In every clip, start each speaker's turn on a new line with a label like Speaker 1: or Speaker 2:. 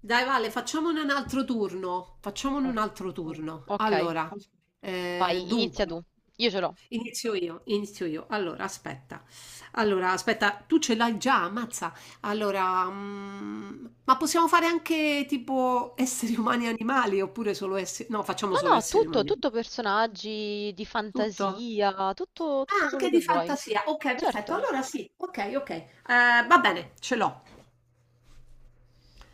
Speaker 1: Dai Vale, facciamone un altro turno. Facciamone
Speaker 2: Oh,
Speaker 1: un altro turno.
Speaker 2: ok,
Speaker 1: Allora,
Speaker 2: vai, inizia
Speaker 1: dunque,
Speaker 2: tu. Io ce l'ho.
Speaker 1: inizio io, inizio io. Allora, aspetta. Allora, aspetta, tu ce l'hai già, ammazza. Allora, ma possiamo fare anche tipo esseri umani e animali oppure solo esseri... No, facciamo
Speaker 2: No,
Speaker 1: solo
Speaker 2: no,
Speaker 1: esseri
Speaker 2: tutto,
Speaker 1: umani.
Speaker 2: tutto personaggi di
Speaker 1: Tutto?
Speaker 2: fantasia, tutto,
Speaker 1: Ah,
Speaker 2: tutto quello
Speaker 1: anche
Speaker 2: che
Speaker 1: di
Speaker 2: vuoi.
Speaker 1: fantasia. Ok, perfetto.
Speaker 2: Certo.
Speaker 1: Allora sì, ok, ok. Va bene, ce l'ho.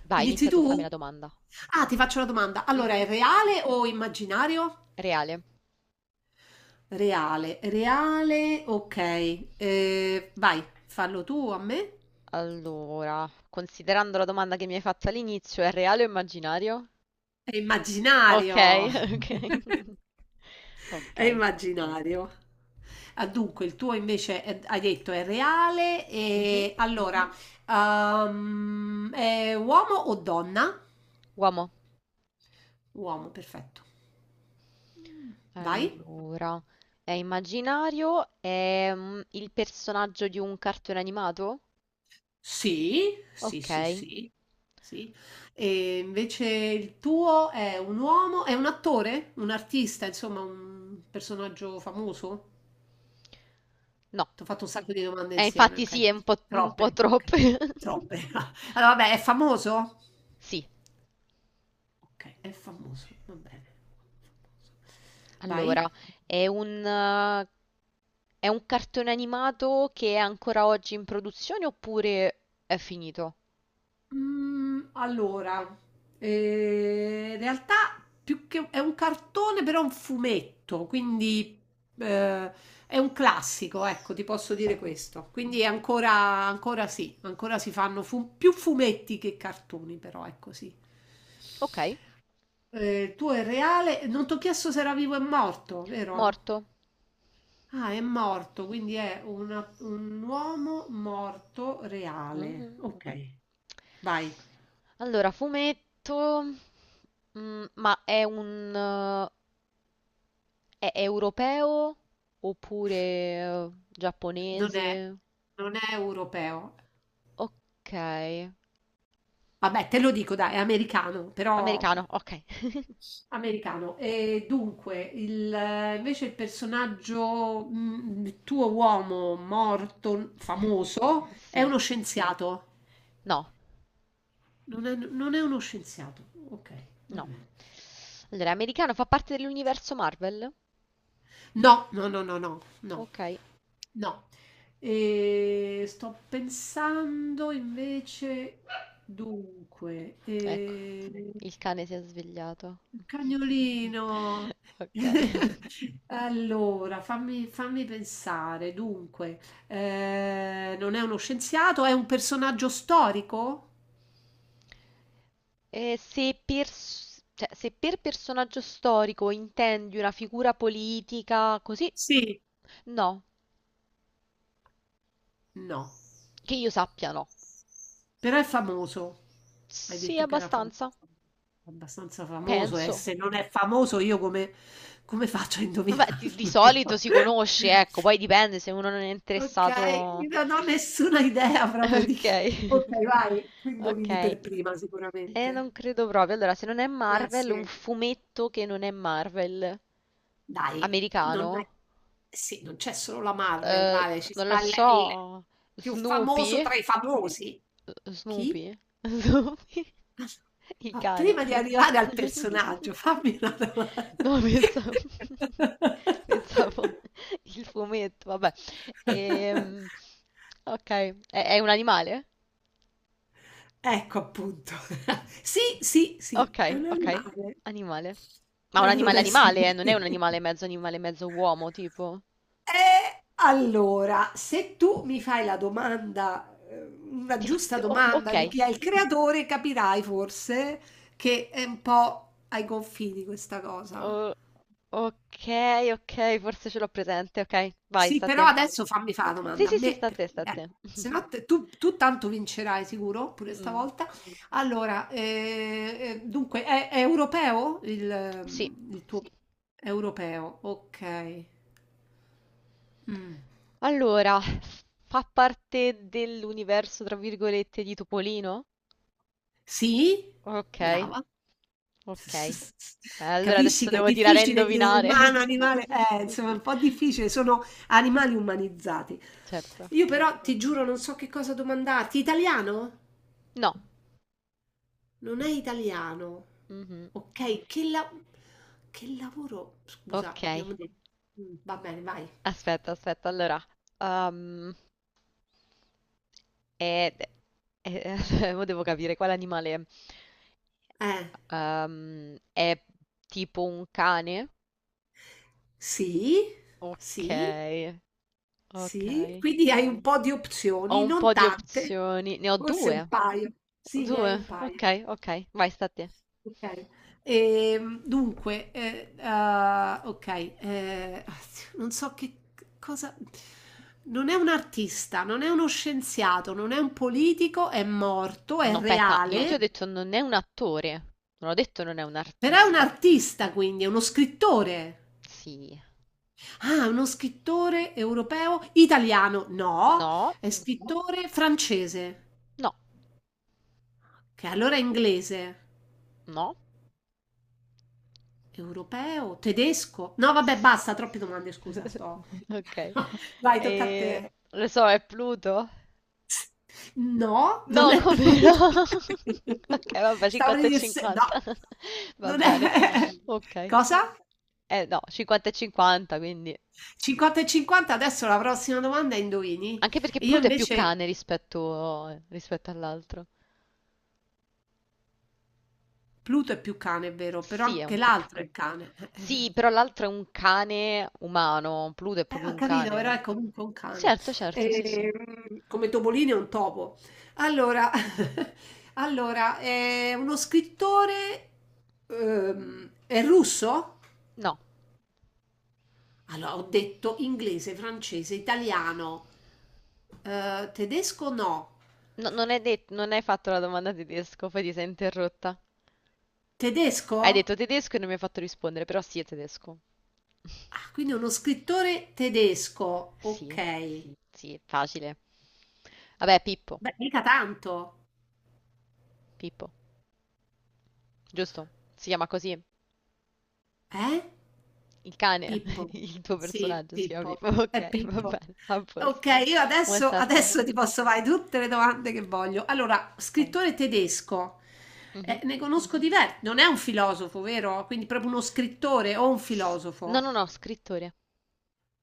Speaker 2: Vai,
Speaker 1: Inizi
Speaker 2: inizia tu, fammi
Speaker 1: tu?
Speaker 2: la domanda.
Speaker 1: Ah, ti faccio una domanda. Allora,
Speaker 2: Mhm.
Speaker 1: è reale o immaginario?
Speaker 2: Reale.
Speaker 1: Reale, reale, ok. Vai, fallo tu a me.
Speaker 2: Allora, considerando la domanda che mi hai fatto all'inizio, è reale o immaginario?
Speaker 1: È
Speaker 2: Ok,
Speaker 1: immaginario.
Speaker 2: ok.
Speaker 1: È
Speaker 2: Ok.
Speaker 1: immaginario. Ah, dunque, il tuo invece hai detto è reale
Speaker 2: Mhm.
Speaker 1: e allora, è uomo o donna?
Speaker 2: Uomo.
Speaker 1: Uomo, perfetto. Vai.
Speaker 2: Allora, è immaginario? È il personaggio di un cartone animato?
Speaker 1: Sì, sì, sì,
Speaker 2: Ok.
Speaker 1: sì, sì. E invece il tuo è un uomo, è un attore, un artista, insomma, un personaggio famoso?
Speaker 2: No.
Speaker 1: Ti ho fatto un sacco di domande insieme,
Speaker 2: Infatti
Speaker 1: ok.
Speaker 2: sì, è un po'
Speaker 1: Troppe, ok.
Speaker 2: troppo.
Speaker 1: Troppe. Allora, vabbè, è famoso?
Speaker 2: Sì,
Speaker 1: Ok, è famoso, va bene. Vai.
Speaker 2: allora, è un, eh, è un cartone animato che è ancora oggi in produzione oppure è finito?
Speaker 1: Allora, in realtà più che è un cartone, però è un fumetto, quindi eh, è un classico, ecco, ti posso dire questo. Quindi è ancora, ancora sì, ancora si fanno più fumetti che cartoni, però è così.
Speaker 2: Ok,
Speaker 1: Il tuo è reale, non ti ho chiesto se era vivo e morto, vero?
Speaker 2: morto.
Speaker 1: Ah, è morto, quindi è un uomo morto reale.
Speaker 2: Mhm.
Speaker 1: Ok, vai.
Speaker 2: Allora, fumetto, ma è europeo oppure
Speaker 1: Non è,
Speaker 2: giapponese?
Speaker 1: non è europeo.
Speaker 2: Ok,
Speaker 1: Vabbè, te lo dico, dai, è americano, però
Speaker 2: americano, ok,
Speaker 1: americano. E dunque, invece il personaggio, il tuo uomo morto, famoso, è
Speaker 2: sì.
Speaker 1: uno scienziato.
Speaker 2: No,
Speaker 1: Non è uno scienziato. Ok. Non
Speaker 2: no.
Speaker 1: è.
Speaker 2: Allora, americano fa parte dell'universo Marvel?
Speaker 1: No, no, no, no, no, no,
Speaker 2: Ok,
Speaker 1: no. E sto pensando invece, dunque,
Speaker 2: ecco. Il cane si è svegliato,
Speaker 1: il cagnolino.
Speaker 2: ok.
Speaker 1: Allora, fammi pensare. Dunque, non è uno scienziato, è un personaggio storico?
Speaker 2: E se pers- cioè, se per personaggio storico intendi una figura politica così,
Speaker 1: Sì,
Speaker 2: no,
Speaker 1: no,
Speaker 2: che io sappia no.
Speaker 1: però è famoso. Hai
Speaker 2: Sì,
Speaker 1: detto che era famoso.
Speaker 2: abbastanza,
Speaker 1: Abbastanza famoso, e
Speaker 2: penso.
Speaker 1: se non è famoso, io come, faccio a
Speaker 2: Vabbè,
Speaker 1: indovinarlo?
Speaker 2: di solito si conosce, ecco, poi dipende se uno non è
Speaker 1: Okay,
Speaker 2: interessato.
Speaker 1: io non ho nessuna idea proprio di
Speaker 2: Ok,
Speaker 1: chi okay, vai, tu indovini
Speaker 2: ok.
Speaker 1: per prima
Speaker 2: E non
Speaker 1: sicuramente.
Speaker 2: credo proprio. Allora, se non è
Speaker 1: Ah,
Speaker 2: Marvel, un
Speaker 1: sì.
Speaker 2: fumetto che non è Marvel,
Speaker 1: Dai,
Speaker 2: americano,
Speaker 1: non è sì, non c'è solo la Marvel,
Speaker 2: Eh,
Speaker 1: vale, ci
Speaker 2: non lo
Speaker 1: sta il
Speaker 2: so,
Speaker 1: più famoso
Speaker 2: Snoopy?
Speaker 1: tra i famosi. Chi?
Speaker 2: Snoopy? Snoopy? Il
Speaker 1: Ah, ma
Speaker 2: cane?
Speaker 1: prima di arrivare al personaggio, fammi una domanda.
Speaker 2: No, pensavo il fumetto, vabbè. Ehm, ok, è un animale?
Speaker 1: Ecco appunto. Sì, sì, sì,
Speaker 2: Ok,
Speaker 1: è un
Speaker 2: ok,
Speaker 1: animale.
Speaker 2: animale. Ma un
Speaker 1: Però non
Speaker 2: animale
Speaker 1: è
Speaker 2: animale, non è un
Speaker 1: stupido.
Speaker 2: animale, mezzo uomo, tipo.
Speaker 1: E allora, se tu mi fai la domanda, una
Speaker 2: Tipo,
Speaker 1: giusta
Speaker 2: oh, ok.
Speaker 1: domanda di chi è il creatore, capirai forse che è un po' ai confini questa cosa.
Speaker 2: Oh, ok, ok, forse ce l'ho presente, ok. Vai,
Speaker 1: Sì,
Speaker 2: sta a te.
Speaker 1: però adesso fammi fare la
Speaker 2: Sì,
Speaker 1: domanda a
Speaker 2: sì, sì,
Speaker 1: me,
Speaker 2: sta a
Speaker 1: perché
Speaker 2: te, sta a te.
Speaker 1: se no tu tanto vincerai sicuro, pure
Speaker 2: Mm.
Speaker 1: stavolta. Allora, dunque, è europeo
Speaker 2: Sì.
Speaker 1: il tuo... Europeo, ok. Mm.
Speaker 2: Allora, fa parte dell'universo, tra virgolette, di Topolino?
Speaker 1: Sì?
Speaker 2: Ok,
Speaker 1: Brava.
Speaker 2: ok. Allora
Speaker 1: Capisci
Speaker 2: adesso
Speaker 1: che è
Speaker 2: devo tirare a
Speaker 1: difficile dire
Speaker 2: indovinare.
Speaker 1: umano, animale, insomma è
Speaker 2: Sì,
Speaker 1: un po' difficile, sono animali umanizzati.
Speaker 2: certo.
Speaker 1: Io però ti giuro non so che cosa domandarti. Italiano?
Speaker 2: No.
Speaker 1: Non è italiano.
Speaker 2: Mhm.
Speaker 1: Ok, che lavoro? Scusa,
Speaker 2: Ok.
Speaker 1: abbiamo detto. Va bene, vai.
Speaker 2: Aspetta, aspetta. Allora, ehm, è- è- mo devo capire quale animale è.
Speaker 1: Eh,
Speaker 2: È tipo un cane?
Speaker 1: sì,
Speaker 2: Ok,
Speaker 1: sì, sì.
Speaker 2: ok.
Speaker 1: Quindi hai un po' di
Speaker 2: Ho
Speaker 1: opzioni,
Speaker 2: un po'
Speaker 1: non
Speaker 2: di
Speaker 1: tante,
Speaker 2: opzioni. Ne ho
Speaker 1: forse un
Speaker 2: due.
Speaker 1: paio. Sì, ne hai un
Speaker 2: Due.
Speaker 1: paio.
Speaker 2: Ok, ok. Vai, sta a te.
Speaker 1: Okay. Dunque, okay, non so che c cosa non è un artista, non è uno scienziato, non è un politico, è morto, è,
Speaker 2: No,
Speaker 1: no,
Speaker 2: aspetta, io ti ho
Speaker 1: reale,
Speaker 2: detto non è un attore, non ho detto non è un
Speaker 1: però è un
Speaker 2: artista.
Speaker 1: artista quindi, è uno scrittore.
Speaker 2: Sì,
Speaker 1: Ah, uno scrittore europeo, italiano no,
Speaker 2: no,
Speaker 1: è, no, scrittore francese,
Speaker 2: no,
Speaker 1: che allora è inglese.
Speaker 2: no.
Speaker 1: Europeo, tedesco? No vabbè basta, troppe domande scusa, sto
Speaker 2: Ok,
Speaker 1: no, vai tocca a
Speaker 2: e
Speaker 1: te.
Speaker 2: lo so, è Pluto?
Speaker 1: No, non
Speaker 2: No,
Speaker 1: è
Speaker 2: come no?
Speaker 1: prudente.
Speaker 2: Ok, vabbè,
Speaker 1: Stavo per
Speaker 2: 50 e
Speaker 1: dire se no,
Speaker 2: 50, va
Speaker 1: non
Speaker 2: bene,
Speaker 1: è
Speaker 2: ok.
Speaker 1: cosa?
Speaker 2: Eh no, 50 e 50, quindi...
Speaker 1: 50 e 50, adesso la prossima domanda è indovini.
Speaker 2: Anche perché
Speaker 1: E io
Speaker 2: Pluto è più
Speaker 1: invece,
Speaker 2: cane rispetto all'altro.
Speaker 1: Pluto è più cane, è vero, però
Speaker 2: Sì, è un
Speaker 1: anche
Speaker 2: po' più
Speaker 1: l'altro è
Speaker 2: cane.
Speaker 1: cane.
Speaker 2: Sì, però l'altro è un cane umano, Pluto è proprio
Speaker 1: Ho
Speaker 2: un
Speaker 1: capito, però
Speaker 2: cane.
Speaker 1: è comunque un cane.
Speaker 2: Certo, certo, sì, sì.
Speaker 1: Come Topolino è un topo. Allora, allora, è uno scrittore, è russo?
Speaker 2: No.
Speaker 1: Allora, ho detto inglese, francese, italiano, tedesco no.
Speaker 2: Non hai fatto la domanda tedesco, poi ti sei interrotta.
Speaker 1: Tedesco?
Speaker 2: Hai detto tedesco e non mi hai fatto rispondere, però sì è tedesco.
Speaker 1: Ah, quindi uno scrittore tedesco.
Speaker 2: Sì,
Speaker 1: Ok.
Speaker 2: sì, è facile. Vabbè, Pippo,
Speaker 1: Beh, mica tanto.
Speaker 2: Pippo, giusto? Si chiama così.
Speaker 1: Eh?
Speaker 2: Il cane,
Speaker 1: Pippo.
Speaker 2: il tuo
Speaker 1: Sì,
Speaker 2: personaggio si chiama
Speaker 1: Pippo.
Speaker 2: Pippo.
Speaker 1: È
Speaker 2: Ok, va
Speaker 1: Pippo.
Speaker 2: bene, a
Speaker 1: Ok,
Speaker 2: posto.
Speaker 1: io
Speaker 2: Vuoi
Speaker 1: adesso,
Speaker 2: Satya?
Speaker 1: adesso ti posso fare tutte le domande che voglio. Allora,
Speaker 2: Vai.
Speaker 1: scrittore tedesco.
Speaker 2: Mhm.
Speaker 1: Ne conosco diversi. Non è un filosofo, vero? Quindi proprio uno scrittore o un
Speaker 2: S- No,
Speaker 1: filosofo.
Speaker 2: no, no, scrittore.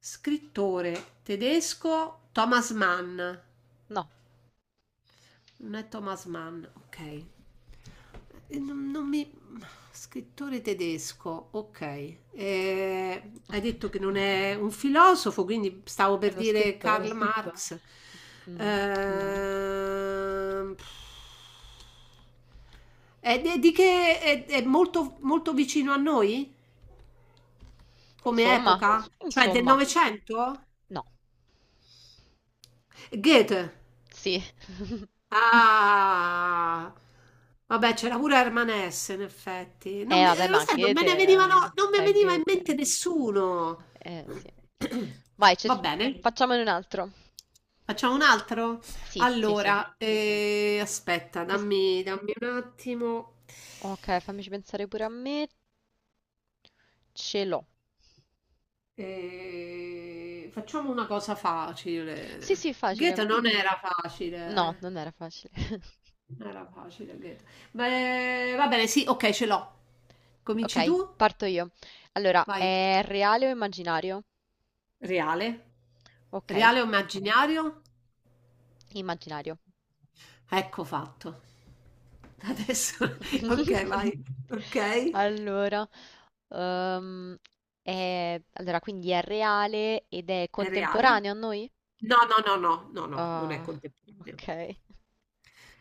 Speaker 1: Scrittore tedesco Thomas Mann.
Speaker 2: No,
Speaker 1: Non è Thomas Mann, ok. Non mi... Scrittore tedesco, ok. Hai detto che non è un filosofo, quindi stavo
Speaker 2: è
Speaker 1: per
Speaker 2: uno
Speaker 1: dire Karl
Speaker 2: scrittore.
Speaker 1: Soprattutto. Marx. No.
Speaker 2: No.
Speaker 1: Ehm, è di che è molto, molto vicino a noi come
Speaker 2: Insomma,
Speaker 1: epoca? Cioè del
Speaker 2: insomma,
Speaker 1: Novecento?
Speaker 2: no,
Speaker 1: Goethe.
Speaker 2: sì.
Speaker 1: Ah! Vabbè, c'era pure Herman S, in effetti. Non me-
Speaker 2: Vabbè,
Speaker 1: Lo
Speaker 2: ma
Speaker 1: sai, non me
Speaker 2: Goethe
Speaker 1: ne venivano, non mi
Speaker 2: è
Speaker 1: veniva in
Speaker 2: Goethe.
Speaker 1: mente nessuno.
Speaker 2: Sì. Vai,
Speaker 1: Va bene,
Speaker 2: facciamone un altro.
Speaker 1: facciamo un altro?
Speaker 2: Sì, sì, sì.
Speaker 1: Allora, aspetta,
Speaker 2: Quest-
Speaker 1: dammi un attimo.
Speaker 2: ok, fammici pensare pure a me. Ce l'ho.
Speaker 1: Facciamo una cosa
Speaker 2: Sì, sì,
Speaker 1: facile.
Speaker 2: facile.
Speaker 1: Goethe non era facile,
Speaker 2: No,
Speaker 1: eh.
Speaker 2: non era facile.
Speaker 1: Era facile, Goethe. Beh, va bene, sì, ok, ce l'ho. Cominci
Speaker 2: Ok,
Speaker 1: tu?
Speaker 2: parto io. Allora,
Speaker 1: Vai.
Speaker 2: è reale o immaginario?
Speaker 1: Reale?
Speaker 2: Ok,
Speaker 1: Reale o immaginario?
Speaker 2: immaginario.
Speaker 1: Ecco fatto. Adesso, ok, vai. Ok.
Speaker 2: Allora, ehm, allora, quindi è reale ed è
Speaker 1: È reale?
Speaker 2: contemporaneo a noi?
Speaker 1: No, no, no, no, no, no, non è
Speaker 2: Ah,
Speaker 1: contemporaneo.
Speaker 2: ok.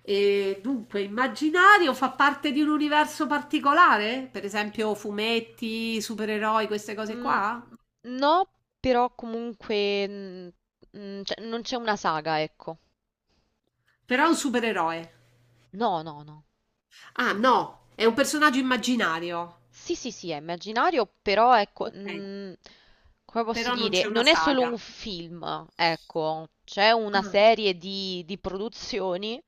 Speaker 1: E dunque, immaginario fa parte di un universo particolare? Per esempio, fumetti, supereroi, queste cose
Speaker 2: Mm,
Speaker 1: qua?
Speaker 2: no, però comunque cioè, non c'è una saga, ecco.
Speaker 1: Però è un supereroe.
Speaker 2: No, no, no.
Speaker 1: Ah, no, è un personaggio immaginario.
Speaker 2: Sì, sì, sì, è immaginario, però ecco,
Speaker 1: Okay,
Speaker 2: come posso
Speaker 1: però non
Speaker 2: dire,
Speaker 1: c'è una
Speaker 2: non è solo un
Speaker 1: saga.
Speaker 2: film, ecco, c'è una
Speaker 1: Ah.
Speaker 2: serie di produzioni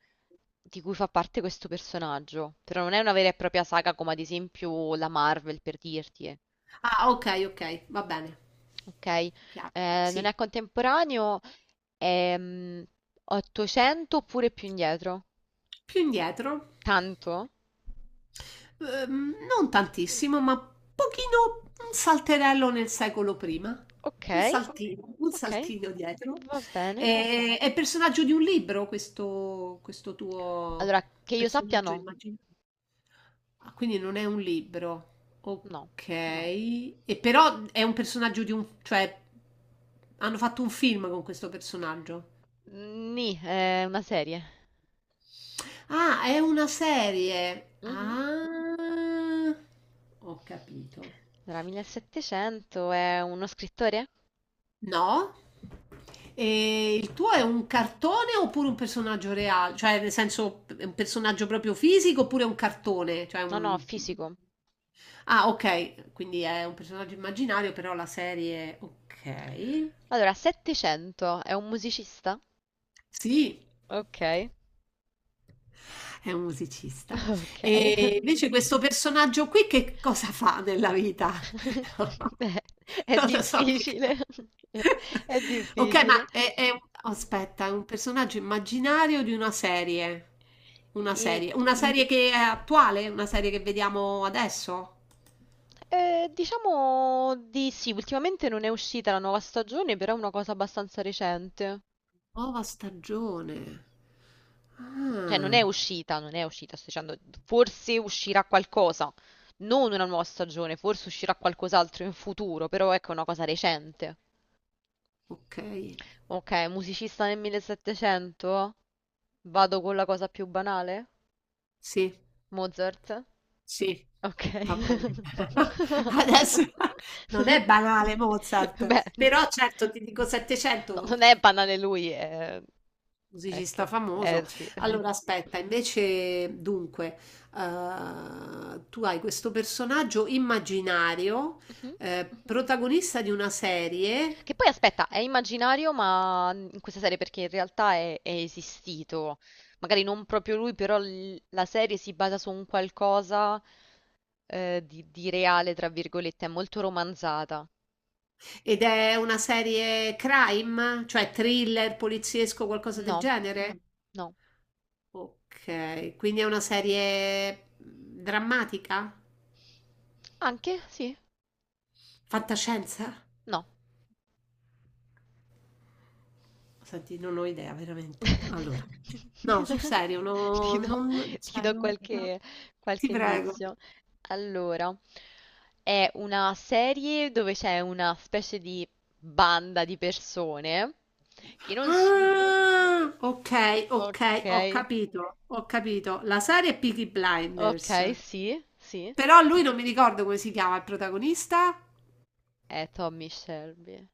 Speaker 2: di cui fa parte questo personaggio, però non è una vera e propria saga come ad esempio la Marvel, per dirti,
Speaker 1: Ah, okay, okay, va bene,
Speaker 2: ok?
Speaker 1: chiaro.
Speaker 2: Non è
Speaker 1: Sì.
Speaker 2: contemporaneo, è 800 oppure più indietro.
Speaker 1: Più indietro?
Speaker 2: Tanto?
Speaker 1: Non tantissimo, ma pochino un salterello nel secolo prima. Un,
Speaker 2: Ok,
Speaker 1: okay, saltino, un
Speaker 2: ok,
Speaker 1: saltino dietro.
Speaker 2: va bene.
Speaker 1: È personaggio di un libro questo tuo
Speaker 2: Allora, che io sappia
Speaker 1: personaggio
Speaker 2: no,
Speaker 1: immaginario? Ah, quindi non è un libro.
Speaker 2: no.
Speaker 1: Ok. No. E però è un personaggio di un... cioè hanno fatto un film con questo personaggio.
Speaker 2: Ni è una serie.
Speaker 1: Ah, è una serie.
Speaker 2: Mhm.
Speaker 1: Ah, ho capito.
Speaker 2: Allora, 1700 è uno scrittore?
Speaker 1: No? E il tuo è un cartone oppure un personaggio reale? Cioè, nel senso, è un personaggio proprio fisico oppure è un cartone? Cioè,
Speaker 2: No, no,
Speaker 1: un...
Speaker 2: fisico.
Speaker 1: Ah, ok, quindi è un personaggio immaginario, però la serie... Ok.
Speaker 2: Allora, 700 è un musicista?
Speaker 1: Sì,
Speaker 2: Ok,
Speaker 1: è un musicista.
Speaker 2: ok.
Speaker 1: E invece questo personaggio qui che cosa fa nella vita?
Speaker 2: Beh, è
Speaker 1: Non lo so che...
Speaker 2: difficile. È
Speaker 1: Ok, ma
Speaker 2: difficile.
Speaker 1: aspetta, è un personaggio immaginario di una serie. Una
Speaker 2: I...
Speaker 1: serie. Una serie che è attuale? Una serie che vediamo adesso?
Speaker 2: Diciamo di sì, ultimamente non è uscita la nuova stagione, però è una cosa abbastanza recente.
Speaker 1: Nuova stagione.
Speaker 2: Cioè non è
Speaker 1: Ah,
Speaker 2: uscita, non è uscita, sto dicendo, forse uscirà qualcosa, non una nuova stagione, forse uscirà qualcos'altro in futuro, però ecco è una cosa recente.
Speaker 1: ok.
Speaker 2: Ok, musicista nel 1700? Vado con la cosa più banale?
Speaker 1: Sì.
Speaker 2: Mozart?
Speaker 1: Sì,
Speaker 2: Ok.
Speaker 1: va bene. Adesso non è banale Mozart,
Speaker 2: Beh,
Speaker 1: però certo ti dico
Speaker 2: no,
Speaker 1: 700,
Speaker 2: non è banale lui, È
Speaker 1: musicista
Speaker 2: che...
Speaker 1: famoso.
Speaker 2: Eh sì.
Speaker 1: Allora aspetta, invece dunque, tu hai questo personaggio immaginario,
Speaker 2: Mhm.
Speaker 1: protagonista di una serie
Speaker 2: Che poi aspetta, è immaginario, ma in questa serie perché in realtà è esistito. Magari non proprio lui, però la serie si basa su un qualcosa di reale, tra virgolette, è molto romanzata.
Speaker 1: ed è una serie crime, cioè thriller, poliziesco, qualcosa del
Speaker 2: No,
Speaker 1: genere?
Speaker 2: no.
Speaker 1: Ok, quindi è una serie drammatica?
Speaker 2: Anche? Sì?
Speaker 1: Fantascienza?
Speaker 2: No.
Speaker 1: Senti, non ho idea veramente. Allora, no, sul serio,
Speaker 2: Ti
Speaker 1: no,
Speaker 2: do,
Speaker 1: non,
Speaker 2: ti
Speaker 1: cioè,
Speaker 2: do
Speaker 1: no, no.
Speaker 2: qualche,
Speaker 1: Ti
Speaker 2: qualche
Speaker 1: prego.
Speaker 2: indizio. Allora, è una serie dove c'è una specie di banda di persone che non...
Speaker 1: Ah, ok,
Speaker 2: Ok,
Speaker 1: ok, ho capito, ho capito. La serie è Peaky
Speaker 2: ok,
Speaker 1: Blinders.
Speaker 2: sì, sì.
Speaker 1: Però lui non mi ricordo come si chiama il protagonista.
Speaker 2: È Tommy Shelby.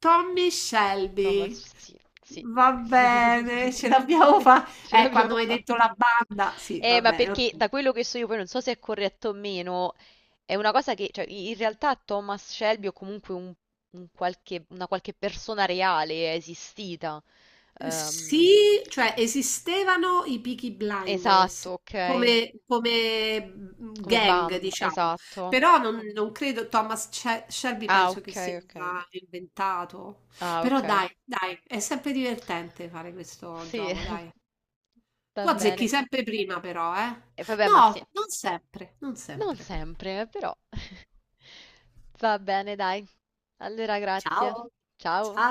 Speaker 1: Tommy Shelby.
Speaker 2: Thomas, sì, sì.
Speaker 1: Va bene, ce l'abbiamo
Speaker 2: Sì,
Speaker 1: fatta.
Speaker 2: ce
Speaker 1: Quando
Speaker 2: l'abbiamo
Speaker 1: mi hai detto
Speaker 2: fatta.
Speaker 1: la banda. Sì, va
Speaker 2: Ma
Speaker 1: bene, ok.
Speaker 2: perché da quello che so io, poi non so se è corretto o meno, è una cosa che, cioè, in realtà Thomas Shelby o comunque una qualche persona reale è esistita. Ehm,
Speaker 1: Sì, cioè esistevano i Peaky Blinders
Speaker 2: esatto, ok.
Speaker 1: come
Speaker 2: Come
Speaker 1: gang,
Speaker 2: banda,
Speaker 1: diciamo,
Speaker 2: esatto.
Speaker 1: però non credo Thomas Shelby
Speaker 2: Ah,
Speaker 1: penso che
Speaker 2: ok,
Speaker 1: sia
Speaker 2: ok.
Speaker 1: inventato.
Speaker 2: Ah,
Speaker 1: Però
Speaker 2: ok.
Speaker 1: dai, dai, è sempre divertente fare questo
Speaker 2: Sì,
Speaker 1: gioco, dai.
Speaker 2: va
Speaker 1: Tu
Speaker 2: bene.
Speaker 1: azzecchi sempre prima però, eh?
Speaker 2: E vabbè, ma sì,
Speaker 1: No, non sempre, non
Speaker 2: non
Speaker 1: sempre.
Speaker 2: sempre, però. Va bene, dai. Allora, grazie. Ciao.